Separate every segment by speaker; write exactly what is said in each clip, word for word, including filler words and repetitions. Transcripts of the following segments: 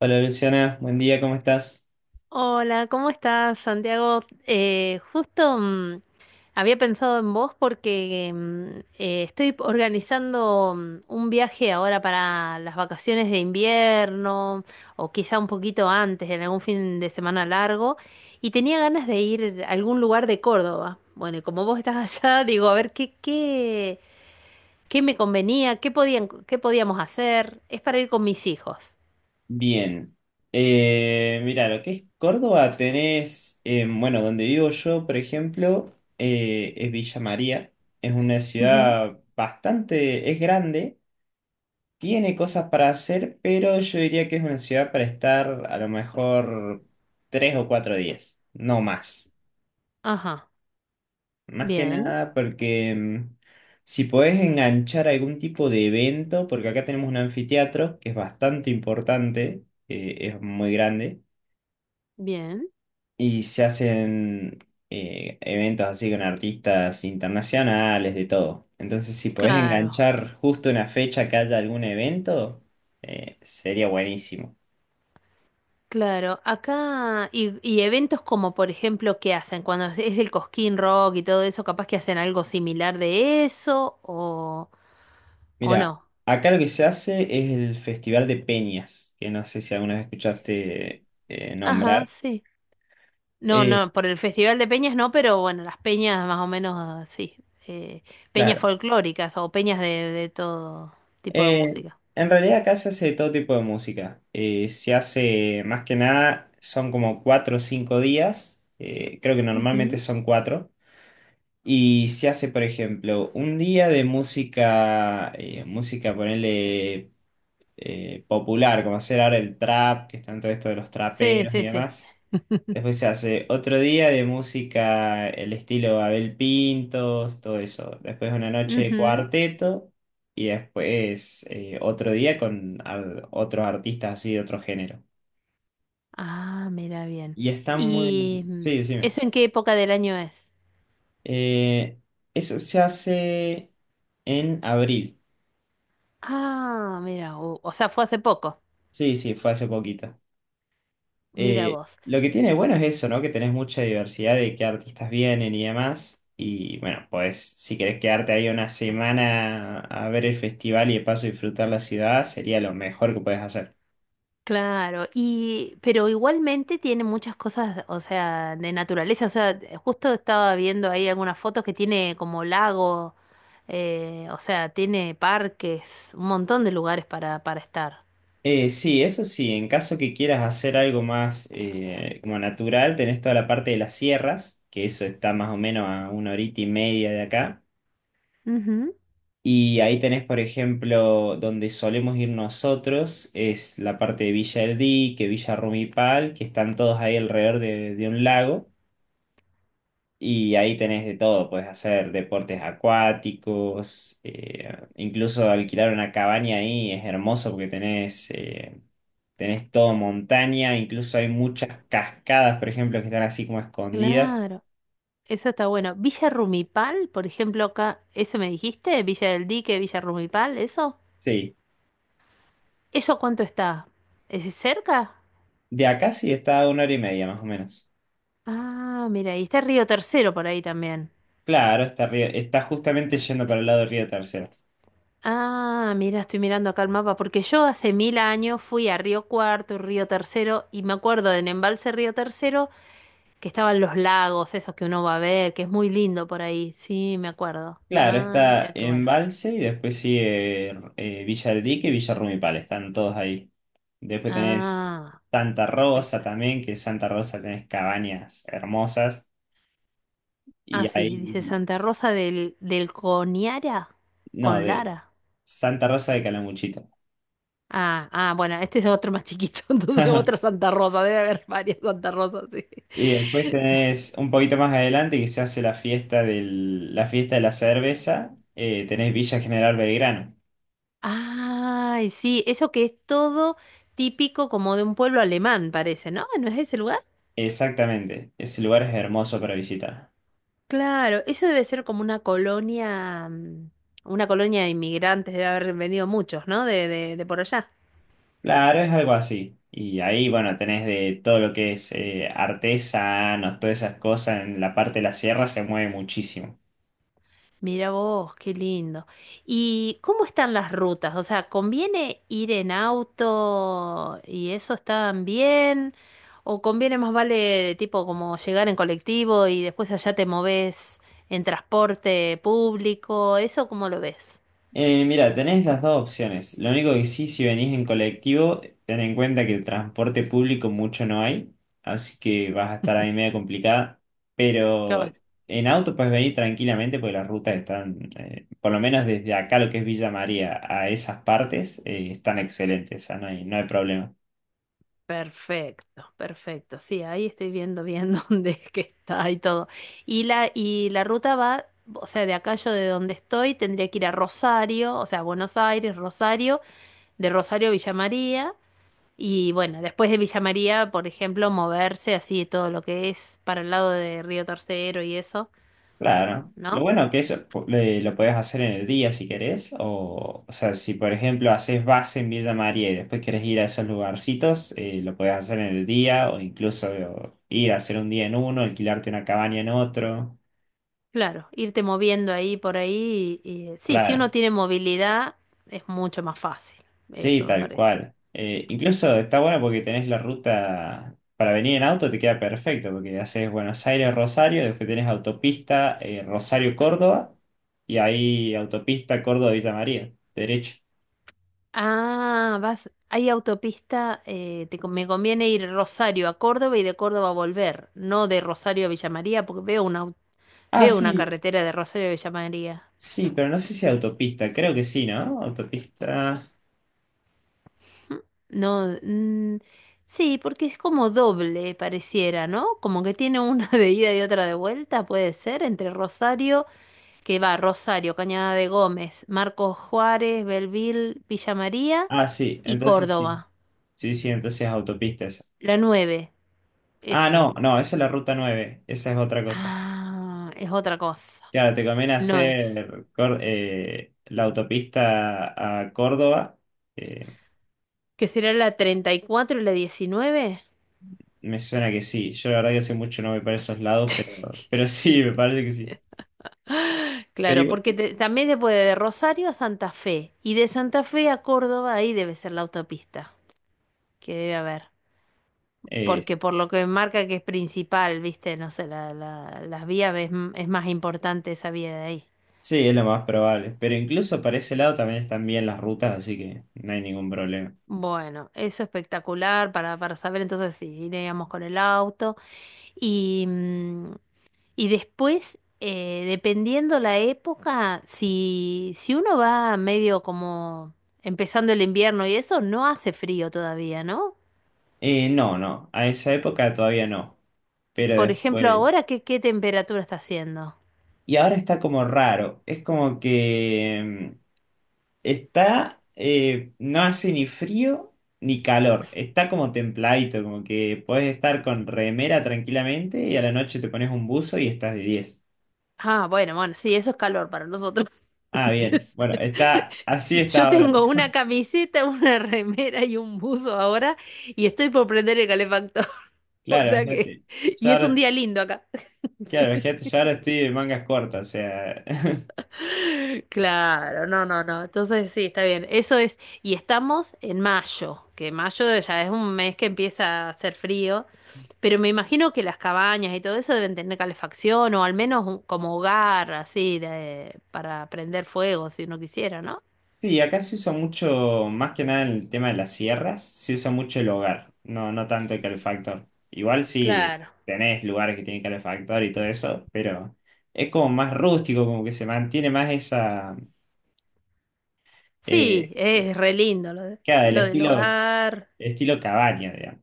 Speaker 1: Hola Luciana, buen día, ¿cómo estás?
Speaker 2: Hola, ¿cómo estás, Santiago? Eh, justo mm, había pensado en vos porque mm, eh, estoy organizando mm, un viaje ahora para las vacaciones de invierno, o quizá un poquito antes, en algún fin de semana largo, y tenía ganas de ir a algún lugar de Córdoba. Bueno, y como vos estás allá, digo, a ver qué, qué, qué me convenía, qué podían, qué podíamos hacer. Es para ir con mis hijos.
Speaker 1: Bien. Eh, mira, lo que es Córdoba tenés, eh, bueno, donde vivo yo, por ejemplo, eh, es Villa María. Es una
Speaker 2: Ujú.
Speaker 1: ciudad bastante, es grande, tiene cosas para hacer, pero yo diría que es una ciudad para estar a lo mejor tres o cuatro días, no más.
Speaker 2: Ajá,
Speaker 1: Más que
Speaker 2: bien,
Speaker 1: nada porque mm, si podés enganchar algún tipo de evento, porque acá tenemos un anfiteatro que es bastante importante, eh, es muy grande,
Speaker 2: bien,
Speaker 1: y se hacen eh, eventos así con artistas internacionales, de todo. Entonces, si podés
Speaker 2: claro.
Speaker 1: enganchar justo una fecha que haya algún evento, eh, sería buenísimo.
Speaker 2: Claro, acá y, y eventos como por ejemplo, ¿qué hacen? Cuando es es el Cosquín Rock y todo eso, capaz que hacen algo similar de eso o, o
Speaker 1: Mira,
Speaker 2: no.
Speaker 1: acá lo que se hace es el Festival de Peñas, que no sé si alguna vez escuchaste eh,
Speaker 2: Ajá,
Speaker 1: nombrar.
Speaker 2: sí. No,
Speaker 1: Eh,
Speaker 2: no, por el Festival de Peñas no, pero bueno, las peñas más o menos ah, sí. eh, Peñas
Speaker 1: claro.
Speaker 2: folclóricas o peñas de, de todo tipo de
Speaker 1: Eh,
Speaker 2: música.
Speaker 1: en realidad acá se hace todo tipo de música. Eh, se hace más que nada, son como cuatro o cinco días. Eh, creo que normalmente
Speaker 2: Ujú.
Speaker 1: son cuatro. Y se hace, por ejemplo, un día de música, eh, música, ponerle popular, como hacer ahora el trap, que están todo esto de los
Speaker 2: Sí,
Speaker 1: traperos y
Speaker 2: sí, sí.
Speaker 1: demás. Después se hace otro día de música, el estilo Abel Pintos, todo eso. Después una noche de
Speaker 2: Ujú.
Speaker 1: cuarteto y después eh, otro día con ar- otros artistas así de otro género.
Speaker 2: Ah, mira bien.
Speaker 1: Y está
Speaker 2: ¿Y
Speaker 1: muy...
Speaker 2: mm,
Speaker 1: Sí, decime.
Speaker 2: Eso, ¿en qué época del año es?
Speaker 1: Eh, eso se hace en abril.
Speaker 2: Ah, mira, o, o sea, fue hace poco.
Speaker 1: Sí, sí, fue hace poquito.
Speaker 2: Mira
Speaker 1: Eh,
Speaker 2: vos.
Speaker 1: lo que tiene bueno es eso, ¿no? Que tenés mucha diversidad de qué artistas vienen y demás. Y bueno, pues si querés quedarte ahí una semana a ver el festival y de paso disfrutar la ciudad, sería lo mejor que puedes hacer.
Speaker 2: Claro, y pero igualmente tiene muchas cosas, o sea, de naturaleza, o sea, eh, justo estaba viendo ahí algunas fotos que tiene como lago, eh, o sea, tiene parques, un montón de lugares para para estar.
Speaker 1: Eh, sí, eso sí, en caso que quieras hacer algo más eh, como natural, tenés toda la parte de las sierras, que eso está más o menos a una horita y media de acá.
Speaker 2: Ujú,
Speaker 1: Y ahí tenés, por ejemplo, donde solemos ir nosotros, es la parte de Villa El Dique, Villa Rumipal, que están todos ahí alrededor de, de un lago. Y ahí tenés de todo, puedes hacer deportes acuáticos, eh, incluso alquilar una cabaña ahí es hermoso porque tenés, eh, tenés todo montaña, incluso hay muchas cascadas, por ejemplo, que están así como escondidas.
Speaker 2: claro, eso está bueno. Villa Rumipal, por ejemplo, acá, ¿ese me dijiste? Villa del Dique, Villa Rumipal, ¿eso?
Speaker 1: Sí,
Speaker 2: ¿Eso cuánto está? ¿Es cerca?
Speaker 1: de acá sí está a una hora y media más o menos.
Speaker 2: Ah, mira, y está Río Tercero por ahí también.
Speaker 1: Claro, está, río- está justamente yendo para el lado del río Tercero.
Speaker 2: Ah, mira, estoy mirando acá el mapa, porque yo hace mil años fui a Río Cuarto y Río Tercero, y me acuerdo del embalse Río Tercero, que estaban los lagos, esos que uno va a ver, que es muy lindo por ahí. Sí, me acuerdo.
Speaker 1: Claro,
Speaker 2: Ay,
Speaker 1: está
Speaker 2: mira qué bueno.
Speaker 1: Embalse y después sigue eh, Villa del Dique y Villa Rumipal, están todos ahí. Después tenés
Speaker 2: Ah,
Speaker 1: Santa Rosa
Speaker 2: espectacular.
Speaker 1: también, que Santa Rosa tenés cabañas hermosas. Y
Speaker 2: Ah, sí, dice
Speaker 1: ahí,
Speaker 2: Santa Rosa del, del Coniara
Speaker 1: no,
Speaker 2: con
Speaker 1: de
Speaker 2: Lara.
Speaker 1: Santa Rosa de Calamuchita.
Speaker 2: Ah, ah, bueno, este es otro más chiquito, entonces otra Santa Rosa, debe haber varias Santa Rosas, sí.
Speaker 1: Y después tenés un poquito más adelante que se hace la fiesta del, la fiesta de la cerveza, eh, tenés Villa General Belgrano.
Speaker 2: Ay, sí, eso que es todo típico como de un pueblo alemán, parece, ¿no? ¿No es ese lugar?
Speaker 1: Exactamente, ese lugar es hermoso para visitar.
Speaker 2: Claro, eso debe ser como una colonia, mm, una colonia de inmigrantes, debe haber venido muchos, ¿no? De, de, de por allá.
Speaker 1: Claro, es algo así. Y ahí, bueno, tenés de todo lo que es eh, artesanos, todas esas cosas en la parte de la sierra se mueve muchísimo.
Speaker 2: Mira vos, qué lindo. ¿Y cómo están las rutas? O sea, ¿conviene ir en auto y eso están bien? ¿O conviene más vale tipo como llegar en colectivo y después allá te moves en transporte público? ¿Eso cómo lo ves?
Speaker 1: Eh, mira, tenés las dos opciones. Lo único que sí, si venís en colectivo, ten en cuenta que el transporte público mucho no hay, así que vas a estar ahí media complicada. Pero
Speaker 2: Yo,
Speaker 1: en auto puedes venir tranquilamente porque las rutas están, eh, por lo menos desde acá, lo que es Villa María, a esas partes, eh, están excelentes, o sea, no hay, no hay problema.
Speaker 2: perfecto, perfecto. Sí, ahí estoy viendo bien dónde es que está y todo. Y la, y la ruta va, o sea, de acá, yo de donde estoy tendría que ir a Rosario, o sea, Buenos Aires, Rosario, de Rosario a Villa María. Y bueno, después de Villa María, por ejemplo, moverse así todo lo que es para el lado de Río Tercero y eso,
Speaker 1: Claro. Lo
Speaker 2: ¿no?
Speaker 1: bueno que eso eh, lo puedes hacer en el día si querés, o, o sea, si por ejemplo haces base en Villa María y después querés ir a esos lugarcitos, eh, lo puedes hacer en el día o incluso o, ir a hacer un día en uno, alquilarte una cabaña en otro.
Speaker 2: Claro, irte moviendo ahí por ahí. Y- y, sí, si
Speaker 1: Claro,
Speaker 2: uno tiene movilidad, es mucho más fácil.
Speaker 1: sí,
Speaker 2: Eso me
Speaker 1: tal
Speaker 2: parece.
Speaker 1: cual. Eh, incluso está bueno porque tenés la ruta para venir en auto, te queda perfecto porque haces Buenos Aires, Rosario, después tenés autopista eh, Rosario, Córdoba y ahí autopista Córdoba, Villa María, derecho.
Speaker 2: Ah, vas, hay autopista, eh, te con- me conviene ir Rosario a Córdoba y de Córdoba a volver, no de Rosario a Villa María, porque veo una, au-
Speaker 1: Ah,
Speaker 2: veo una
Speaker 1: sí,
Speaker 2: carretera de Rosario a Villa María.
Speaker 1: sí, pero no sé si autopista, creo que sí, ¿no? Autopista.
Speaker 2: No, mm, Sí, porque es como doble, pareciera, ¿no? Como que tiene una de ida y otra de vuelta, puede ser, entre Rosario, que va Rosario, Cañada de Gómez, Marcos Juárez, Belville, Villa María
Speaker 1: Ah, sí,
Speaker 2: y
Speaker 1: entonces sí.
Speaker 2: Córdoba.
Speaker 1: Sí, sí, entonces es autopista esa.
Speaker 2: La nueve,
Speaker 1: Ah, no,
Speaker 2: eso.
Speaker 1: no, esa es la ruta nueve. Esa es otra cosa.
Speaker 2: Ah, es otra cosa.
Speaker 1: Claro, te conviene
Speaker 2: No es.
Speaker 1: hacer Cor- eh, la autopista a Córdoba. Eh,
Speaker 2: ¿Que será la treinta y cuatro y la diecinueve?
Speaker 1: me suena que sí. Yo la verdad que hace mucho no voy para esos lados, pero, pero sí, me parece que sí. Pero
Speaker 2: Claro,
Speaker 1: igual,
Speaker 2: porque te- también se puede de Rosario a Santa Fe y de Santa Fe a Córdoba, ahí debe ser la autopista. Que debe haber.
Speaker 1: eh,
Speaker 2: Porque por lo que marca que es principal, viste, no sé, la, la- las vías es, m- es más importante esa vía de ahí.
Speaker 1: sí, es lo más probable. Pero incluso para ese lado también están bien las rutas, así que no hay ningún problema.
Speaker 2: Bueno, eso espectacular para, para saber entonces si iríamos con el auto. Y, mm, y después, eh, dependiendo la época, si, si uno va medio como empezando el invierno y eso, no hace frío todavía, ¿no?
Speaker 1: Eh, no, no, a esa época todavía no, pero
Speaker 2: Por ejemplo,
Speaker 1: después...
Speaker 2: ahora, ¿qué, qué temperatura está haciendo?
Speaker 1: Y ahora está como raro, es como que mm, está, eh, no hace ni frío ni calor, está como templadito, como que puedes estar con remera tranquilamente y a la noche te pones un buzo y estás de diez
Speaker 2: Ah, bueno, bueno, sí, eso es calor para nosotros.
Speaker 1: Ah,
Speaker 2: Qué
Speaker 1: bien, bueno,
Speaker 2: sé.
Speaker 1: está, así está
Speaker 2: Yo
Speaker 1: ahora.
Speaker 2: tengo una camiseta, una remera y un buzo ahora y estoy por prender el calefactor. O
Speaker 1: Claro,
Speaker 2: sea que,
Speaker 1: fíjate, yo
Speaker 2: y es un
Speaker 1: ahora,
Speaker 2: día lindo acá.
Speaker 1: claro,
Speaker 2: Sí.
Speaker 1: fíjate, yo ahora estoy de mangas cortas, o sea...
Speaker 2: Claro, no, no, no. Entonces sí, está bien. Eso es, y estamos en mayo, que mayo ya es un mes que empieza a hacer frío, pero me imagino que las cabañas y todo eso deben tener calefacción o al menos un- como hogar así de, para prender fuego si uno quisiera, ¿no?
Speaker 1: Sí, acá se usa mucho, más que nada en el tema de las sierras, se usa mucho el hogar, no, no tanto el calefactor. Igual sí
Speaker 2: Claro.
Speaker 1: tenés lugares que tienen calefactor y todo eso, pero es como más rústico, como que se mantiene más esa, eh,
Speaker 2: Sí,
Speaker 1: eh,
Speaker 2: es re lindo lo de-
Speaker 1: claro, el
Speaker 2: lo del
Speaker 1: estilo,
Speaker 2: hogar.
Speaker 1: estilo cabaña, digamos.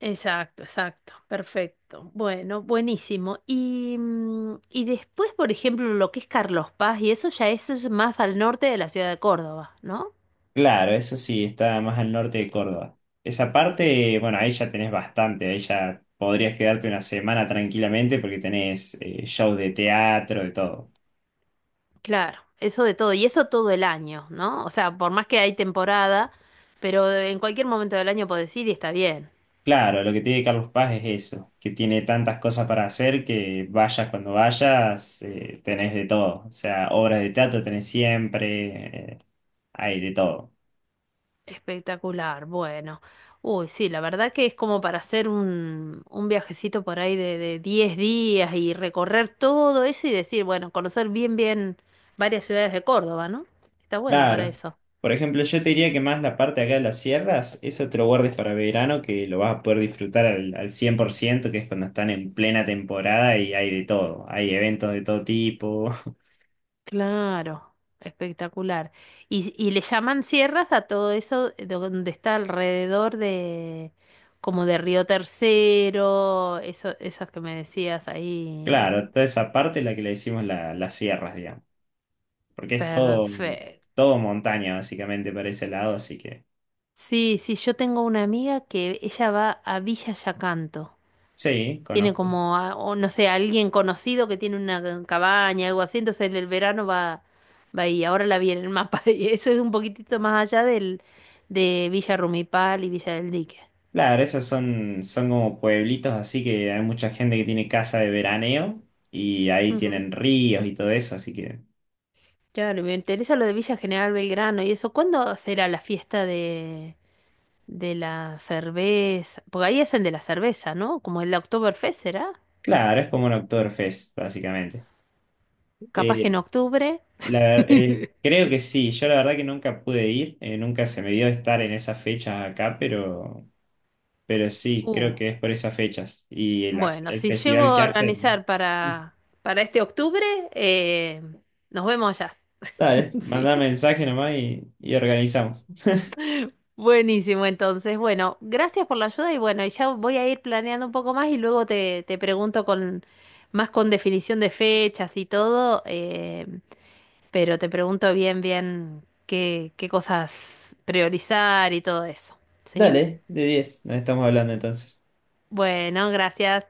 Speaker 2: Exacto, exacto. Perfecto. Bueno, buenísimo. Y, mm, y después, por ejemplo, lo que es Carlos Paz, y eso, ya eso es más al norte de la ciudad de Córdoba, ¿no?
Speaker 1: Claro, eso sí, está más al norte de Córdoba. Esa parte, bueno, ahí ya tenés bastante, ahí ya podrías quedarte una semana tranquilamente porque tenés eh, shows de teatro, de todo.
Speaker 2: Claro, eso de todo. Y eso todo el año, ¿no? O sea, por más que hay temporada, pero en cualquier momento del año podés ir y está bien.
Speaker 1: Claro, lo que tiene Carlos Paz es eso, que tiene tantas cosas para hacer que vayas cuando vayas, eh, tenés de todo. O sea, obras de teatro tenés siempre, eh, hay de todo.
Speaker 2: Espectacular, bueno. Uy, sí, la verdad que es como para hacer un, un viajecito por ahí de, de diez días y recorrer todo eso y decir, bueno, conocer bien, bien varias ciudades de Córdoba, ¿no? Está bueno para
Speaker 1: Claro.
Speaker 2: eso.
Speaker 1: Por ejemplo, yo te diría que más la parte acá de las sierras, eso te lo guardes para verano, que lo vas a poder disfrutar al, al cien por ciento, que es cuando están en plena temporada y hay de todo. Hay eventos de todo tipo.
Speaker 2: Claro, espectacular. Y, y le llaman sierras a todo eso donde está alrededor de, como de Río Tercero, eso, esas que me decías ahí.
Speaker 1: Claro, toda esa parte es la que le decimos la- las sierras, digamos. Porque es todo,
Speaker 2: Perfecto.
Speaker 1: todo montaña básicamente para ese lado, así que
Speaker 2: Sí, sí, yo tengo una amiga que ella va a Villa Yacanto.
Speaker 1: sí,
Speaker 2: Tiene
Speaker 1: conozco.
Speaker 2: como, a- o no sé, alguien conocido que tiene una cabaña, algo así, entonces en el verano va, va ahí. Ahora la vi en el mapa y eso es un poquitito más allá del, de Villa Rumipal y Villa del Dique.
Speaker 1: Claro, esos son, son como pueblitos, así que hay mucha gente que tiene casa de veraneo y ahí
Speaker 2: Ujú.
Speaker 1: tienen ríos y todo eso, así que
Speaker 2: Claro, me interesa lo de Villa General Belgrano y eso. ¿Cuándo será la fiesta de, de la cerveza? Porque ahí hacen de la cerveza, ¿no? Como el Oktoberfest será.
Speaker 1: claro, es como un Oktoberfest básicamente.
Speaker 2: Capaz que en
Speaker 1: Eh,
Speaker 2: octubre.
Speaker 1: la- eh, creo que sí, yo la verdad que nunca pude ir, eh, nunca se me dio estar en esas fechas acá, pero, pero sí,
Speaker 2: Uh.
Speaker 1: creo que es por esas fechas y el,
Speaker 2: Bueno,
Speaker 1: el
Speaker 2: si llego
Speaker 1: festival que
Speaker 2: a
Speaker 1: hacen.
Speaker 2: organizar para, para este octubre, eh, nos vemos allá.
Speaker 1: Dale,
Speaker 2: Sí.
Speaker 1: mandá mensaje nomás y, y organizamos.
Speaker 2: Buenísimo, entonces. Bueno, gracias por la ayuda y bueno, y ya voy a ir planeando un poco más y luego te, te pregunto con más con definición de fechas y todo, eh, pero te pregunto bien, bien qué, qué cosas priorizar y todo eso. ¿Sí?
Speaker 1: Dale, de diez, nos estamos hablando entonces.
Speaker 2: Bueno, gracias.